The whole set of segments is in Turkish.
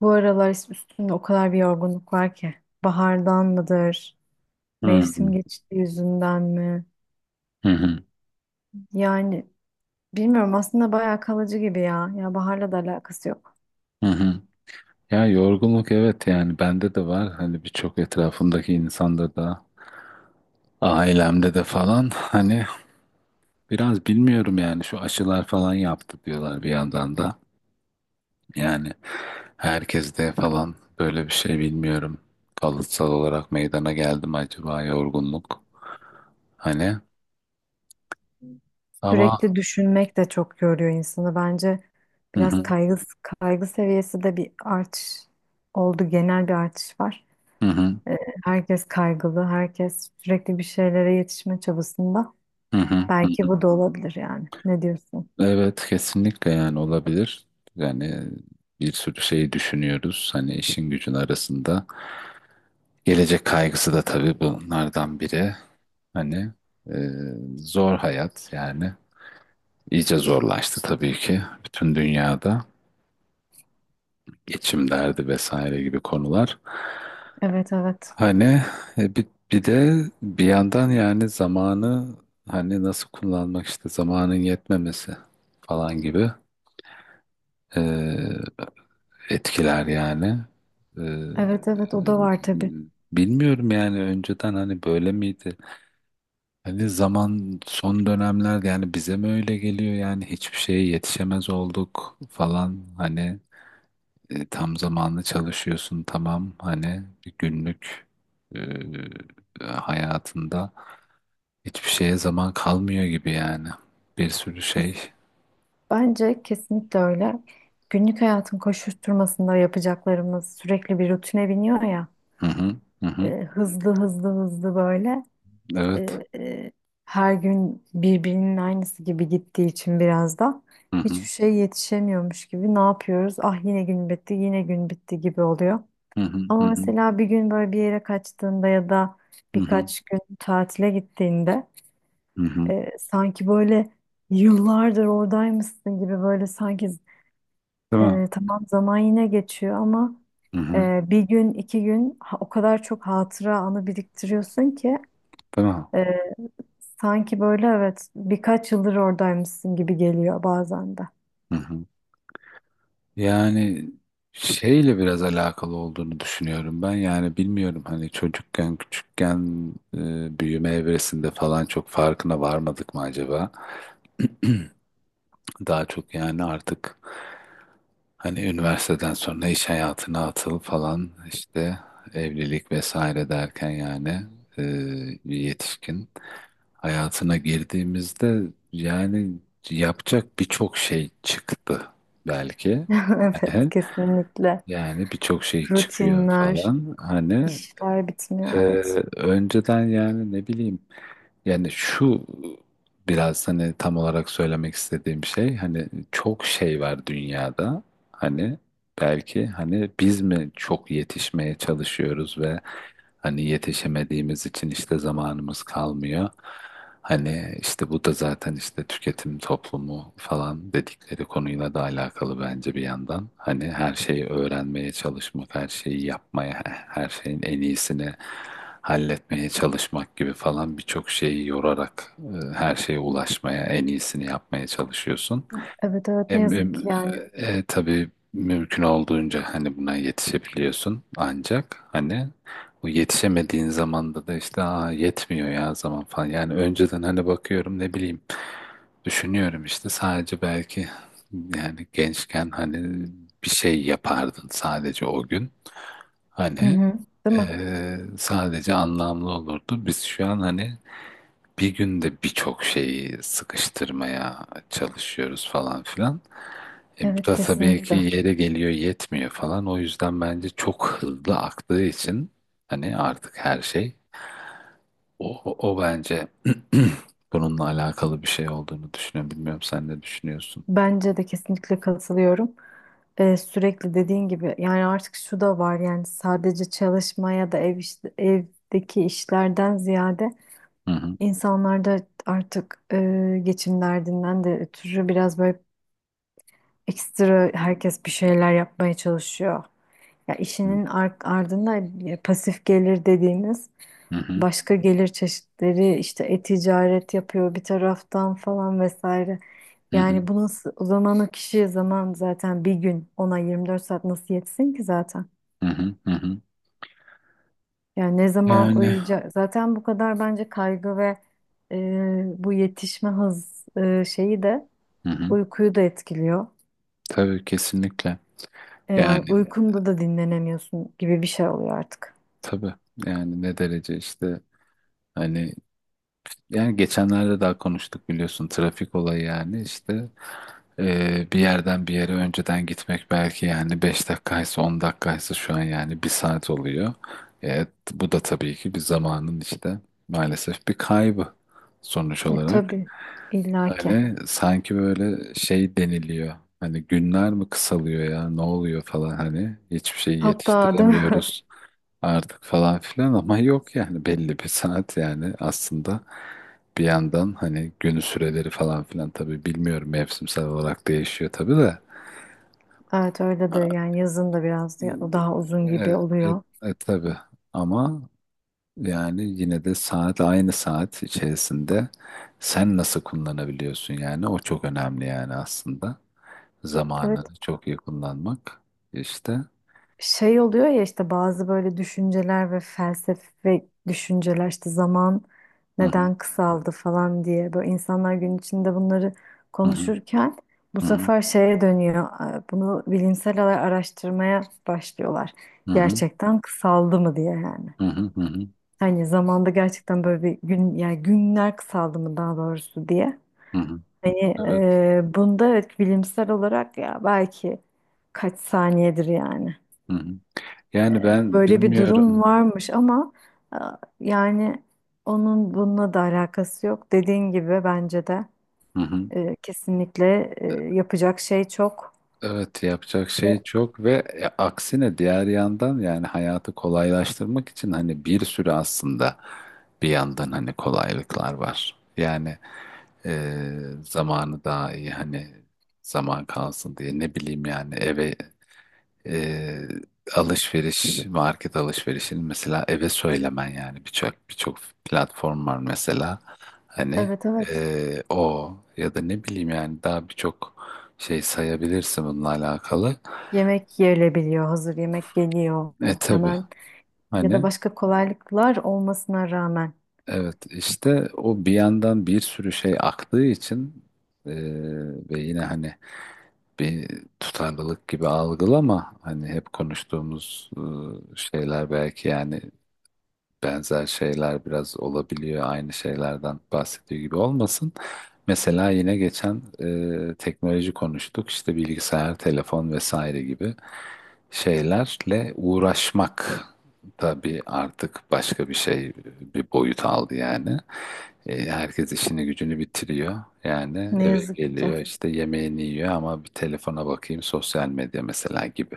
Bu aralar üstümde o kadar bir yorgunluk var ki. Bahardan mıdır? Hı hı Mevsim geçti yüzünden mi? hı hı. Yani bilmiyorum aslında bayağı kalıcı gibi ya. Ya baharla da alakası yok. Hı. Ya yorgunluk, evet, yani bende de var, hani birçok etrafımdaki insanda da, ailemde de falan hani biraz bilmiyorum, yani şu aşılar falan yaptı diyorlar bir yandan da, yani herkeste falan böyle bir şey, bilmiyorum, kalıtsal olarak meydana geldi mi acaba yorgunluk hani ama. Sürekli düşünmek de çok yoruyor insanı. Bence Hı biraz hı kaygı, kaygı seviyesi de bir artış oldu. Genel bir artış var. hı hı Ee, Herkes kaygılı. Herkes sürekli bir şeylere yetişme çabasında. hı hı. Belki bu da olabilir yani. Ne diyorsun? Evet, kesinlikle, yani olabilir. Yani bir sürü şeyi düşünüyoruz. Hani işin gücün arasında. Gelecek kaygısı da tabii bunlardan biri. Hani e, zor hayat yani. İyice zorlaştı tabii ki bütün dünyada. Geçim derdi vesaire gibi konular. Evet evet. Hani e, bir, bir de bir yandan yani zamanı hani nasıl kullanmak, işte zamanın yetmemesi falan gibi. Etkiler yani. Ee, Evet evet e, o da var tabii. Bilmiyorum, yani önceden hani böyle miydi? Hani zaman son dönemler yani bize mi öyle geliyor, yani hiçbir şeye yetişemez olduk falan, hani tam zamanlı çalışıyorsun, tamam, hani bir günlük e, hayatında hiçbir şeye zaman kalmıyor gibi, yani bir sürü şey. Bence kesinlikle öyle. Günlük hayatın koşuşturmasında yapacaklarımız sürekli bir rutine biniyor ya. Hı hı hı hı. Hızlı hızlı hızlı böyle. Evet. e, e, Her gün birbirinin aynısı gibi gittiği için biraz da Hı hı hiçbir şey yetişemiyormuş gibi ne yapıyoruz? Ah, yine gün bitti, yine gün bitti gibi oluyor. hı hı Ama hı hı mesela bir gün böyle bir yere kaçtığında ya da hı hı. birkaç gün tatile gittiğinde, Hı hı. Sanki böyle yıllardır oradaymışsın gibi böyle sanki. Değil mi? Tamam, zaman yine geçiyor ama Hı hı. Bir gün iki gün o kadar çok hatıra anı biriktiriyorsun ki Değil mi? e, sanki böyle, evet, birkaç yıldır oradaymışsın gibi geliyor bazen de. Hı hı. Yani şeyle biraz alakalı olduğunu düşünüyorum ben. Yani bilmiyorum, hani çocukken, küçükken büyüme evresinde falan çok farkına varmadık mı acaba? Daha çok yani artık hani üniversiteden sonra iş hayatına atıl falan, işte evlilik vesaire derken yani e, bir yetişkin hayatına girdiğimizde yani yapacak birçok şey çıktı belki. Evet, kesinlikle Yani birçok şey çıkıyor rutinler, falan. Hani işler e, bitmiyor, evet. önceden yani ne bileyim, yani şu biraz hani tam olarak söylemek istediğim şey, hani çok şey var dünyada. Hani belki hani biz mi çok yetişmeye çalışıyoruz ve hani yetişemediğimiz için işte zamanımız kalmıyor. Hani işte bu da zaten işte tüketim toplumu falan dedikleri konuyla da alakalı bence bir yandan. Hani her şeyi öğrenmeye çalışmak, her şeyi yapmaya, her şeyin en iyisini halletmeye çalışmak gibi falan birçok şeyi yorarak her şeye ulaşmaya, en iyisini yapmaya çalışıyorsun. Evet evet, ne Em, yazık em, ki yani. Tabii mümkün olduğunca hani buna yetişebiliyorsun ancak hani bu yetişemediğin zamanda da işte aa yetmiyor ya zaman falan, yani önceden hani bakıyorum ne bileyim, düşünüyorum işte sadece belki yani gençken hani bir şey yapardın sadece o gün, Hı hani hı. Değil mi? e, sadece anlamlı olurdu, biz şu an hani bir günde birçok şeyi sıkıştırmaya çalışıyoruz falan filan, bu Evet, da tabii ki kesinlikle. yere geliyor, yetmiyor falan. O yüzden bence çok hızlı aktığı için hani artık her şey o bence bununla alakalı bir şey olduğunu düşünüyorum. Bilmiyorum, sen ne düşünüyorsun? Bence de kesinlikle katılıyorum. Sürekli dediğin gibi yani artık şu da var, yani sadece çalışmaya da evdeki işlerden ziyade Hı hı. insanlar da artık geçim derdinden de ötürü biraz böyle ekstra, herkes bir şeyler yapmaya çalışıyor. Ya işinin ardında pasif gelir dediğimiz Hı hı. başka gelir çeşitleri, işte e-ticaret yapıyor bir taraftan falan vesaire. Hı Yani hı. bu nasıl, o zaman o kişi zaman zaten bir gün ona 24 saat nasıl yetsin ki zaten? Hı hı. Hı hı. Yani ne zaman Yani uyuyacak? Zaten bu kadar bence kaygı ve bu yetişme hız şeyi de hı hı. uykuyu da etkiliyor. Tabii, kesinlikle. Yani Yani uykunda da dinlenemiyorsun gibi bir şey oluyor artık. tabii, yani ne derece işte hani, yani geçenlerde daha konuştuk, biliyorsun, trafik olayı yani işte. Bir yerden bir yere önceden gitmek belki yani 5 dakikaysa, 10 dakikaysa şu an yani bir saat oluyor. Evet, bu da tabii ki bir zamanın işte maalesef bir kaybı sonuç E olarak. tabii, illaki. Hani sanki böyle şey deniliyor. Hani günler mi kısalıyor ya ne oluyor falan, hani hiçbir şey Hatta değil mi? yetiştiremiyoruz artık falan filan ama yok, yani belli bir saat, yani aslında bir yandan hani günü süreleri falan filan, tabii bilmiyorum, mevsimsel olarak değişiyor tabii de Evet öyledir yani, yazın da biraz daha uzun gibi e, e, oluyor. Tabii ama yani yine de saat, aynı saat içerisinde sen nasıl kullanabiliyorsun, yani o çok önemli, yani aslında Evet, zamanını çok iyi kullanmak işte. şey oluyor ya, işte bazı böyle düşünceler ve felsefe düşünceler, işte zaman Hı hı neden kısaldı falan diye, böyle insanlar gün içinde bunları hı konuşurken, bu hı hı sefer şeye dönüyor, bunu bilimsel olarak araştırmaya başlıyorlar. hı hı Gerçekten kısaldı mı diye yani. hı hı hı Hani zamanda gerçekten böyle bir gün, yani günler kısaldı mı daha doğrusu diye. hı. Hı. Hani Evet. Bunda evet, bilimsel olarak ya belki kaç saniyedir yani. Hı hı. Yani ben Böyle bir durum bilmiyorum. varmış ama e, yani onun bununla da alakası yok. Dediğin gibi bence de Hı hı. Kesinlikle yapacak şey çok. Evet, yapacak şey çok ve aksine diğer yandan yani hayatı kolaylaştırmak için hani bir sürü aslında bir yandan hani kolaylıklar var. Yani zamanı daha iyi, hani zaman kalsın diye, ne bileyim yani eve e, alışveriş, market alışverişini mesela eve söylemen, yani birçok platform var mesela, hani Evet evet, o ya da ne bileyim, yani daha birçok şey sayabilirsin bununla alakalı. yemek yerilebiliyor, hazır yemek geliyor E tabii hemen ya da hani başka kolaylıklar olmasına rağmen, evet, işte o bir yandan bir sürü şey aktığı için e, ve yine hani bir tutarlılık gibi algılama, hani hep konuştuğumuz şeyler belki, yani benzer şeyler biraz olabiliyor. Aynı şeylerden bahsediyor gibi olmasın. Mesela yine geçen teknoloji konuştuk. İşte bilgisayar, telefon vesaire gibi şeylerle uğraşmak tabii artık başka bir şey, bir boyut aldı yani. Herkes işini gücünü bitiriyor. Yani ne eve yazık ki. geliyor işte yemeğini yiyor ama bir telefona bakayım, sosyal medya mesela gibi.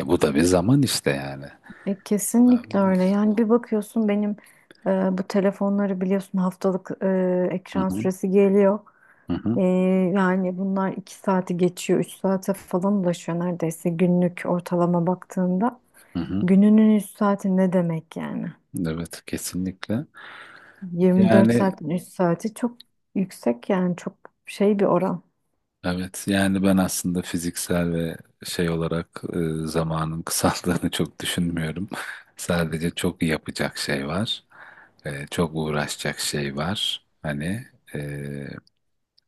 Bu da bir zaman işte yani. Hı Kesinlikle öyle. Yani bir bakıyorsun, benim bu telefonları biliyorsun, haftalık ekran hı, süresi geliyor. hı E, hı, Yani bunlar iki saati geçiyor, üç saate falan ulaşıyor neredeyse, günlük ortalama baktığında. hı hı. Gününün üç saati ne demek yani? Evet, kesinlikle. 24 Yani saatin üç saati çok yüksek yani, çok şey bir oran. evet, yani ben aslında fiziksel ve şey olarak zamanın kısaldığını çok düşünmüyorum. Sadece çok yapacak şey var. Çok uğraşacak şey var. Hani e,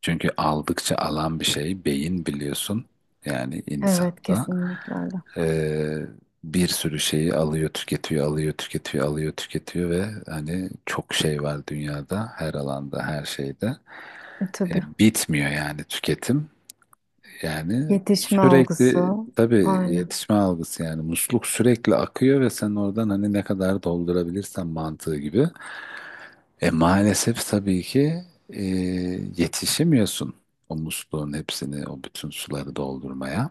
çünkü aldıkça alan bir şey beyin, biliyorsun. Yani Evet, insanda kesinlikle öyle. e, bir sürü şeyi alıyor, tüketiyor, alıyor, tüketiyor, alıyor, tüketiyor ve hani çok şey var dünyada, her alanda, her şeyde. Tabii. Bitmiyor yani tüketim. Yani Yetişme algısı. sürekli tabii Aynen. yetişme algısı, yani musluk sürekli akıyor ve sen oradan hani ne kadar doldurabilirsen mantığı gibi. Maalesef tabii ki e, yetişemiyorsun o musluğun hepsini, o bütün suları doldurmaya.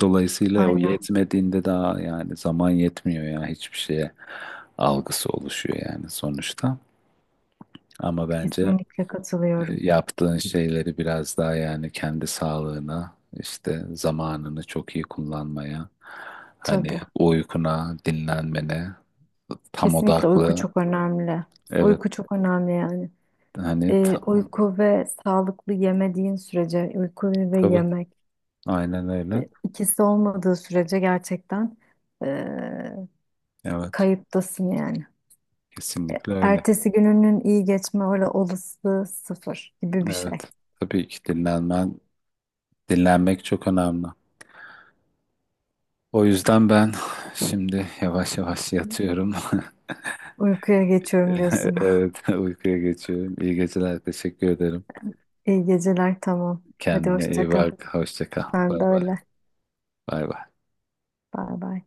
Dolayısıyla o Aynen. yetmediğinde daha yani zaman yetmiyor ya hiçbir şeye algısı oluşuyor, yani sonuçta. Ama bence Kesinlikle E, katılıyorum. Yaptığın şeyleri biraz daha, yani kendi sağlığına, işte zamanını çok iyi kullanmaya, hani Tabii. uykuna, dinlenmene, tam Kesinlikle uyku odaklı. çok önemli. Evet, Uyku çok önemli yani. hani tam, Uyku ve sağlıklı yemediğin sürece, uyku ve tabii, yemek aynen öyle. İkisi olmadığı sürece gerçekten e, Evet, kayıptasın yani. kesinlikle öyle. Ertesi gününün iyi geçme olasılığı sıfır gibi bir şey. Evet, tabii ki dinlenmen, dinlenmek çok önemli. O yüzden ben şimdi yavaş yavaş yatıyorum. Uykuya geçiyorum diyorsun. Evet, uykuya geçiyorum. İyi geceler, teşekkür ederim. İyi geceler, tamam. Hadi Kendine iyi hoşça kal. bak, hoşça kal. Bay Sen de bay. öyle. Bay bay. Bay bay.